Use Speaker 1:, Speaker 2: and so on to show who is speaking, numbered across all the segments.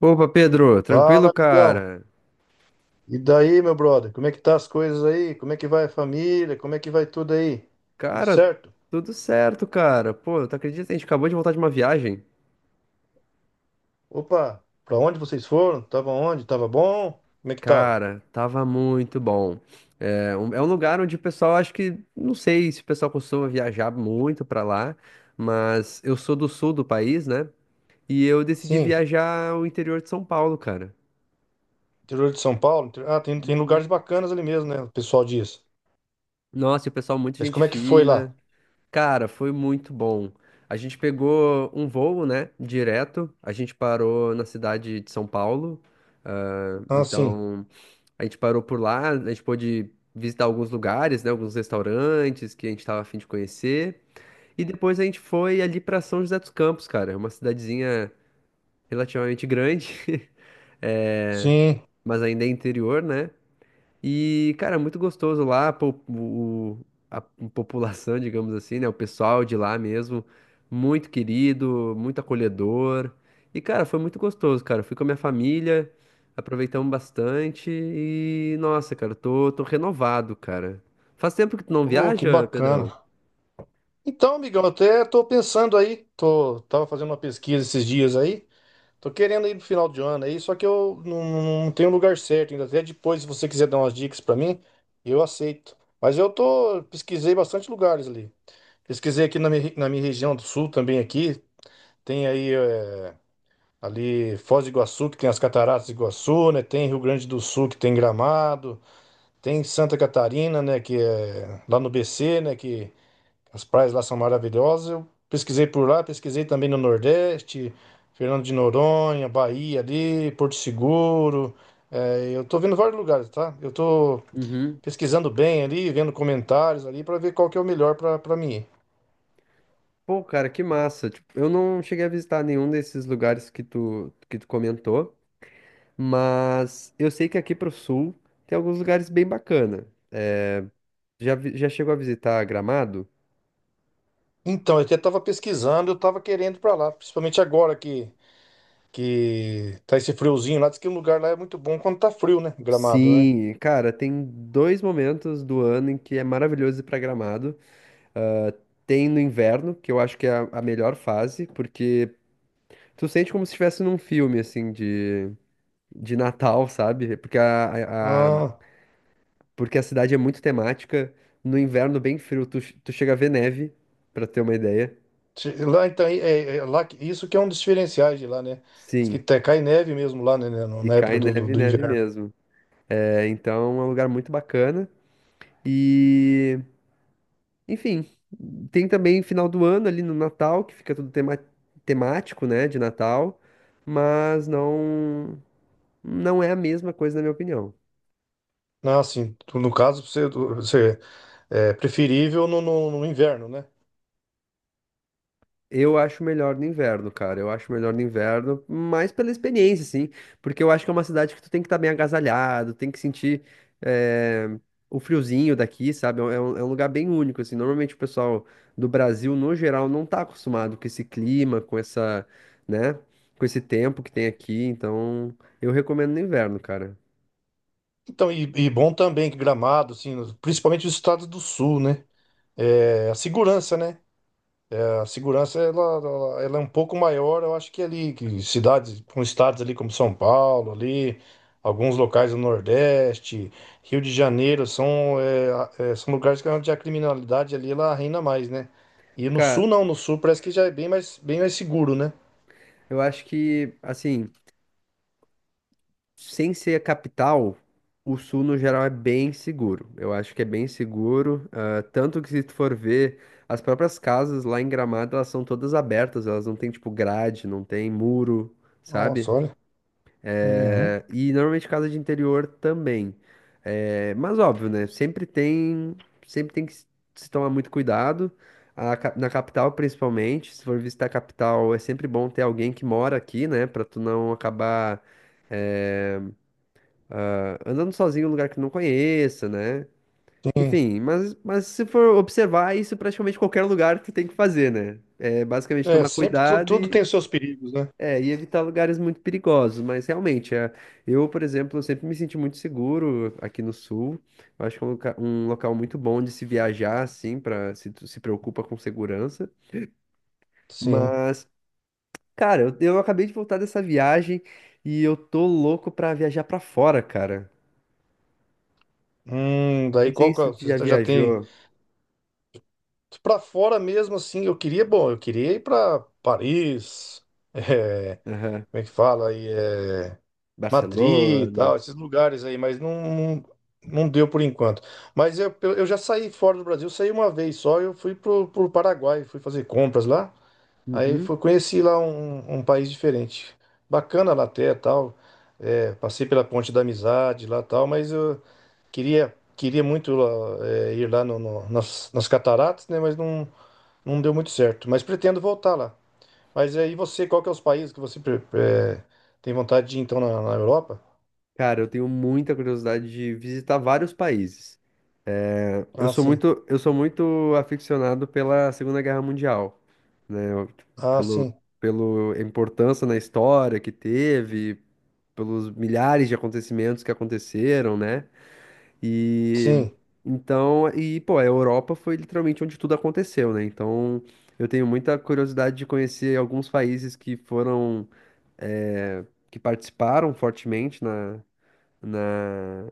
Speaker 1: Opa, Pedro,
Speaker 2: Fala,
Speaker 1: tranquilo,
Speaker 2: amigão.
Speaker 1: cara?
Speaker 2: E daí, meu brother? Como é que tá as coisas aí? Como é que vai a família? Como é que vai tudo aí? Tudo
Speaker 1: Cara,
Speaker 2: certo?
Speaker 1: tudo certo, cara. Pô, tu acredita? A gente acabou de voltar de uma viagem.
Speaker 2: Opa, pra onde vocês foram? Tava onde? Tava bom? Como é que tava?
Speaker 1: Cara, tava muito bom. É um lugar onde o pessoal, acho que, não sei se o pessoal costuma viajar muito pra lá, mas eu sou do sul do país, né? E eu decidi
Speaker 2: Sim,
Speaker 1: viajar ao interior de São Paulo, cara.
Speaker 2: interior de São Paulo. Ah, tem lugares bacanas ali mesmo, né? O pessoal diz.
Speaker 1: Nossa, e o pessoal, muita
Speaker 2: Mas
Speaker 1: gente
Speaker 2: como é que foi lá?
Speaker 1: fina. Cara, foi muito bom. A gente pegou um voo, né, direto. A gente parou na cidade de São Paulo.
Speaker 2: Ah, sim.
Speaker 1: Então, a gente parou por lá. A gente pôde visitar alguns lugares, né, alguns restaurantes que a gente estava a fim de conhecer. E depois a gente foi ali para São José dos Campos, cara. É uma cidadezinha relativamente grande, é,
Speaker 2: Sim.
Speaker 1: mas ainda é interior, né? E, cara, é muito gostoso lá, o, a população, digamos assim, né? O pessoal de lá mesmo, muito querido, muito acolhedor. E, cara, foi muito gostoso, cara. Fui com a minha família, aproveitamos bastante e, nossa, cara, tô renovado, cara. Faz tempo que tu não
Speaker 2: Oh, que
Speaker 1: viaja, Pedrão?
Speaker 2: bacana. Então, amigão, até tô pensando aí. Tava fazendo uma pesquisa esses dias aí. Tô querendo ir pro final de ano aí, só que eu não, não tenho lugar certo ainda. Até depois, se você quiser dar umas dicas pra mim, eu aceito. Mas eu tô, pesquisei bastante lugares ali. Pesquisei aqui na na minha região do sul também aqui. Tem aí ali Foz do Iguaçu, que tem as Cataratas do Iguaçu, né? Tem Rio Grande do Sul, que tem Gramado. Tem Santa Catarina, né? Que é lá no BC, né? Que as praias lá são maravilhosas. Eu pesquisei por lá, pesquisei também no Nordeste, Fernando de Noronha, Bahia ali, Porto Seguro. É, eu tô vendo vários lugares, tá? Eu tô
Speaker 1: Uhum.
Speaker 2: pesquisando bem ali, vendo comentários ali para ver qual que é o melhor para para mim. Ir.
Speaker 1: Pô, cara, que massa. Tipo, eu não cheguei a visitar nenhum desses lugares que tu comentou, mas eu sei que aqui pro sul tem alguns lugares bem bacana. Já, já chegou a visitar Gramado?
Speaker 2: Então, eu até tava pesquisando, eu tava querendo ir para lá, principalmente agora que tá esse friozinho lá, diz que o lugar lá é muito bom quando tá frio, né? Gramado, né?
Speaker 1: Sim, cara, tem dois momentos do ano em que é maravilhoso ir pra Gramado. Ah, tem no inverno, que eu acho que é a melhor fase, porque tu sente como se estivesse num filme, assim, de Natal, sabe?
Speaker 2: Ah.
Speaker 1: Porque a cidade é muito temática. No inverno, bem frio, tu chega a ver neve, pra ter uma ideia.
Speaker 2: Lá, isso que é um dos diferenciais de lá, né? Diz que
Speaker 1: Sim,
Speaker 2: cai neve mesmo lá,
Speaker 1: e
Speaker 2: na época
Speaker 1: cai neve,
Speaker 2: do
Speaker 1: neve
Speaker 2: inverno.
Speaker 1: mesmo. É, então é um lugar muito bacana. E. Enfim, tem também final do ano ali no Natal, que fica tudo temático, né, de Natal, mas não é a mesma coisa na minha opinião.
Speaker 2: No caso, você é preferível no inverno, né?
Speaker 1: Eu acho melhor no inverno, cara. Eu acho melhor no inverno, mais pela experiência, sim. Porque eu acho que é uma cidade que tu tem que estar bem agasalhado, tem que sentir eh, o friozinho daqui, sabe? É um lugar bem único, assim. Normalmente o pessoal do Brasil, no geral, não tá acostumado com esse clima, com essa, né? Com esse tempo que tem aqui. Então, eu recomendo no inverno, cara.
Speaker 2: Então, e bom também que Gramado, assim, principalmente os estados do sul, né? É, a segurança, né? A segurança ela é um pouco maior, eu acho que ali, que cidades, com estados ali como São Paulo, ali, alguns locais do Nordeste, Rio de Janeiro, são lugares que onde a criminalidade ali ela reina mais, né? E no
Speaker 1: Cara,
Speaker 2: sul não, no sul parece que já é bem mais seguro, né?
Speaker 1: eu acho que, assim. Sem ser a capital, o sul no geral é bem seguro. Eu acho que é bem seguro, ah, tanto que se tu for ver, as próprias casas lá em Gramado, elas são todas abertas, elas não têm tipo grade, não tem muro,
Speaker 2: Nossa,
Speaker 1: sabe?
Speaker 2: olha. Uhum.
Speaker 1: Eh, e normalmente casa de interior também. Eh, mas óbvio, né? Sempre tem que se tomar muito cuidado. Na capital, principalmente, se for visitar a capital, é sempre bom ter alguém que mora aqui, né? Pra tu não acabar é, andando sozinho em um lugar que não conheça, né?
Speaker 2: Sim.
Speaker 1: Enfim, mas se for observar, isso é praticamente qualquer lugar tu tem que fazer, né? É basicamente tomar cuidado
Speaker 2: Tudo tem
Speaker 1: e,
Speaker 2: os seus perigos, né?
Speaker 1: e evitar lugares muito perigosos. Mas realmente, eu, por exemplo, eu sempre me senti muito seguro aqui no sul. Eu acho que é um, um local muito bom de se viajar, assim, para se tu se preocupa com segurança.
Speaker 2: Sim.
Speaker 1: Mas, cara, eu acabei de voltar dessa viagem e eu tô louco pra viajar pra fora, cara.
Speaker 2: Daí
Speaker 1: Não sei se tu já
Speaker 2: você já tem.
Speaker 1: viajou.
Speaker 2: Pra fora mesmo, assim, eu queria, bom, eu queria ir pra Paris, é,
Speaker 1: Aham.
Speaker 2: como é que fala aí, Madrid e
Speaker 1: Barcelona.
Speaker 2: tal, esses lugares aí, mas não deu por enquanto. Mas eu já saí fora do Brasil, saí uma vez só, eu fui pro Paraguai, fui fazer compras lá, aí
Speaker 1: Uhum.
Speaker 2: fui, conheci lá um país diferente. Bacana lá até, tal, é, passei pela Ponte da Amizade lá, tal, mas queria muito lá, é, ir lá nas cataratas, né, mas não deu muito certo, mas pretendo voltar lá. Mas aí você, qual que é os países que você pre- eh, tem vontade de ir, então, na Europa?
Speaker 1: Cara, eu tenho muita curiosidade de visitar vários países. É, eu
Speaker 2: Ah,
Speaker 1: sou
Speaker 2: sim.
Speaker 1: muito, eu sou muito aficionado pela Segunda Guerra Mundial, né? Eu, tipo,
Speaker 2: Ah,
Speaker 1: pelo,
Speaker 2: sim.
Speaker 1: pelo a importância na história que teve, pelos milhares de acontecimentos que aconteceram, né? E
Speaker 2: Sim.
Speaker 1: então, e pô, a Europa foi literalmente onde tudo aconteceu, né? Então, eu tenho muita curiosidade de conhecer alguns países que foram que participaram fortemente na,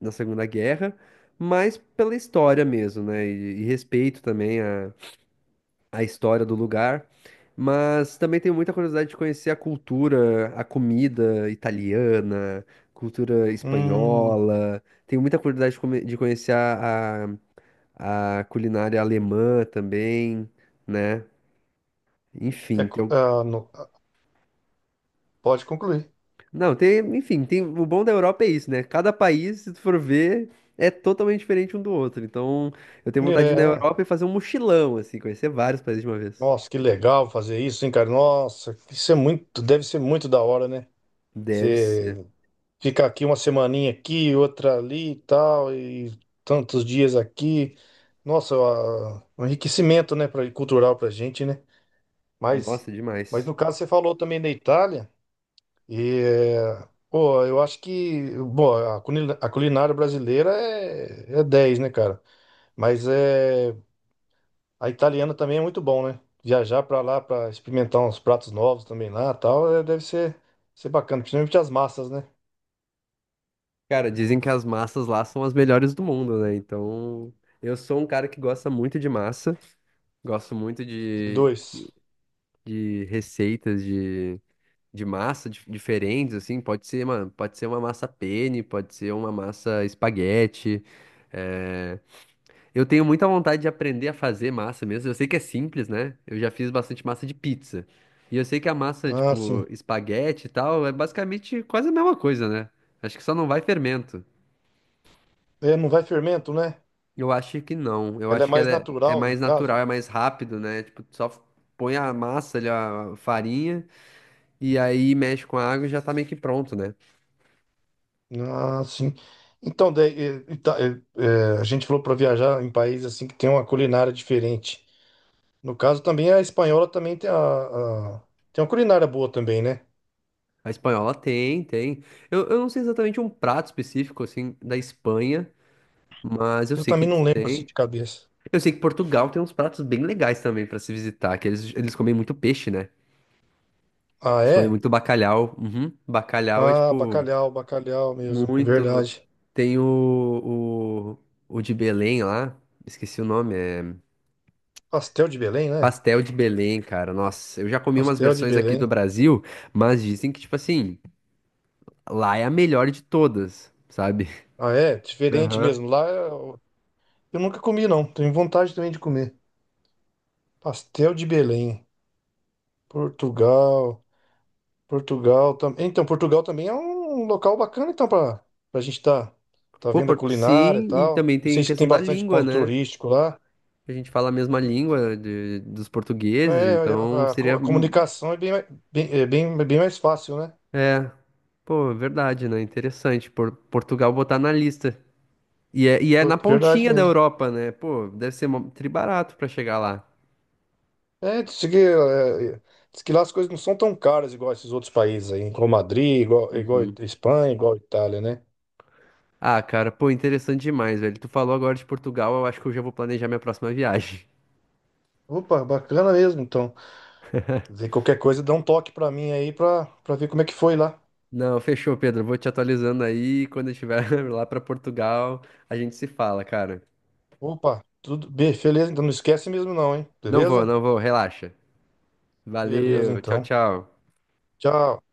Speaker 1: na Segunda Guerra, mas pela história mesmo, né? E respeito também a história do lugar. Mas também tenho muita curiosidade de conhecer a cultura, a comida italiana, cultura
Speaker 2: Hum,
Speaker 1: espanhola. Tenho muita curiosidade de, de conhecer a culinária alemã também, né?
Speaker 2: é
Speaker 1: Enfim,
Speaker 2: co-
Speaker 1: tem
Speaker 2: ah, no- ah, pode concluir.
Speaker 1: não, tem, enfim, tem, o bom da Europa é isso, né? Cada país, se tu for ver, é totalmente diferente um do outro. Então, eu tenho vontade de ir na
Speaker 2: É.
Speaker 1: Europa e fazer um mochilão, assim, conhecer vários países de uma vez.
Speaker 2: Nossa, que legal fazer isso, hein, cara? Nossa, isso é muito, deve ser muito da hora, né?
Speaker 1: Deve ser.
Speaker 2: Você fica aqui uma semaninha aqui, outra ali e tal, e tantos dias aqui. Nossa, ah, um enriquecimento, né, pra, cultural pra gente, né? Mas,
Speaker 1: Nossa, é
Speaker 2: mas
Speaker 1: demais.
Speaker 2: no caso você falou também da Itália e pô, eu acho que bom, a culinária brasileira é, é 10, né, cara? Mas a italiana também é muito bom, né? Viajar pra lá pra experimentar uns pratos novos também lá, tal, deve ser bacana, principalmente as massas, né?
Speaker 1: Cara, dizem que as massas lá são as melhores do mundo, né? Então, eu sou um cara que gosta muito de massa, gosto muito
Speaker 2: dois.
Speaker 1: de receitas de massa diferentes, assim. Pode ser uma massa penne, pode ser uma massa espaguete. eh, Eu tenho muita vontade de aprender a fazer massa mesmo. Eu sei que é simples, né? Eu já fiz bastante massa de pizza. E eu sei que a massa,
Speaker 2: Ah, sim.
Speaker 1: tipo, espaguete e tal, é basicamente quase a mesma coisa, né? Acho que só não vai fermento.
Speaker 2: É, não vai fermento, né?
Speaker 1: Eu acho que não. Eu
Speaker 2: Ela é
Speaker 1: acho que
Speaker 2: mais
Speaker 1: ela é, é
Speaker 2: natural, no
Speaker 1: mais natural,
Speaker 2: caso.
Speaker 1: é mais rápido, né? Tipo, tu só põe a massa ali, a farinha, e aí mexe com a água e já tá meio que pronto, né?
Speaker 2: Ah, sim. Então, daí, a gente falou para viajar em países assim que tem uma culinária diferente. No caso, também a espanhola também tem a- tem uma culinária boa também, né?
Speaker 1: A espanhola tem, tem. Eu não sei exatamente um prato específico, assim, da Espanha, mas eu
Speaker 2: Eu
Speaker 1: sei que
Speaker 2: também
Speaker 1: eles
Speaker 2: não lembro assim
Speaker 1: têm.
Speaker 2: de cabeça.
Speaker 1: Eu sei que Portugal tem uns pratos bem legais também pra se visitar, que eles comem muito peixe, né?
Speaker 2: Ah,
Speaker 1: Eles comem
Speaker 2: é?
Speaker 1: muito bacalhau. Uhum. Bacalhau é
Speaker 2: Ah,
Speaker 1: tipo
Speaker 2: bacalhau mesmo, é
Speaker 1: muito.
Speaker 2: verdade.
Speaker 1: Tem o de Belém lá, esqueci o nome, é
Speaker 2: Pastel de Belém, né?
Speaker 1: pastel de Belém, cara. Nossa, eu já comi umas
Speaker 2: Pastel de
Speaker 1: versões aqui do
Speaker 2: Belém.
Speaker 1: Brasil, mas dizem que tipo assim, lá é a melhor de todas, sabe?
Speaker 2: Ah, é? Diferente
Speaker 1: Aham.
Speaker 2: mesmo. Lá eu nunca comi, não. Tenho vontade também de comer. Pastel de Belém, Portugal. Portugal também. Então, Portugal também é um local bacana, então, pra, pra gente tá, tá
Speaker 1: Pô,
Speaker 2: vendo a
Speaker 1: por-
Speaker 2: culinária e
Speaker 1: sim, e
Speaker 2: tal.
Speaker 1: também
Speaker 2: Não
Speaker 1: tem
Speaker 2: sei se
Speaker 1: questão
Speaker 2: tem
Speaker 1: da
Speaker 2: bastante
Speaker 1: língua,
Speaker 2: ponto
Speaker 1: né?
Speaker 2: turístico lá.
Speaker 1: A gente fala a mesma língua dos portugueses,
Speaker 2: É,
Speaker 1: então seria
Speaker 2: a comunicação é bem, mais- bem, é bem, é bem mais fácil, né?
Speaker 1: é, pô, é verdade, né? Interessante. Por, Portugal botar na lista. E é
Speaker 2: Pô,
Speaker 1: na
Speaker 2: verdade
Speaker 1: pontinha da
Speaker 2: mesmo.
Speaker 1: Europa, né? Pô, deve ser mó- tri barato pra chegar lá.
Speaker 2: É, diz que, é, diz que lá as coisas não são tão caras igual esses outros países aí, igual Madrid, igual
Speaker 1: Uhum.
Speaker 2: Espanha, igual Itália, né?
Speaker 1: Ah, cara, pô, interessante demais, velho. Tu falou agora de Portugal, eu acho que eu já vou planejar minha próxima viagem.
Speaker 2: Opa, bacana mesmo, então. Qualquer coisa, dá um toque pra mim aí pra ver como é que foi lá.
Speaker 1: Não, fechou, Pedro. Vou te atualizando aí. Quando eu estiver lá pra Portugal, a gente se fala, cara.
Speaker 2: Opa, tudo bem, beleza? Então não esquece mesmo não, hein?
Speaker 1: Não vou,
Speaker 2: Beleza?
Speaker 1: não vou, relaxa.
Speaker 2: Beleza,
Speaker 1: Valeu, tchau,
Speaker 2: então.
Speaker 1: tchau.
Speaker 2: Tchau.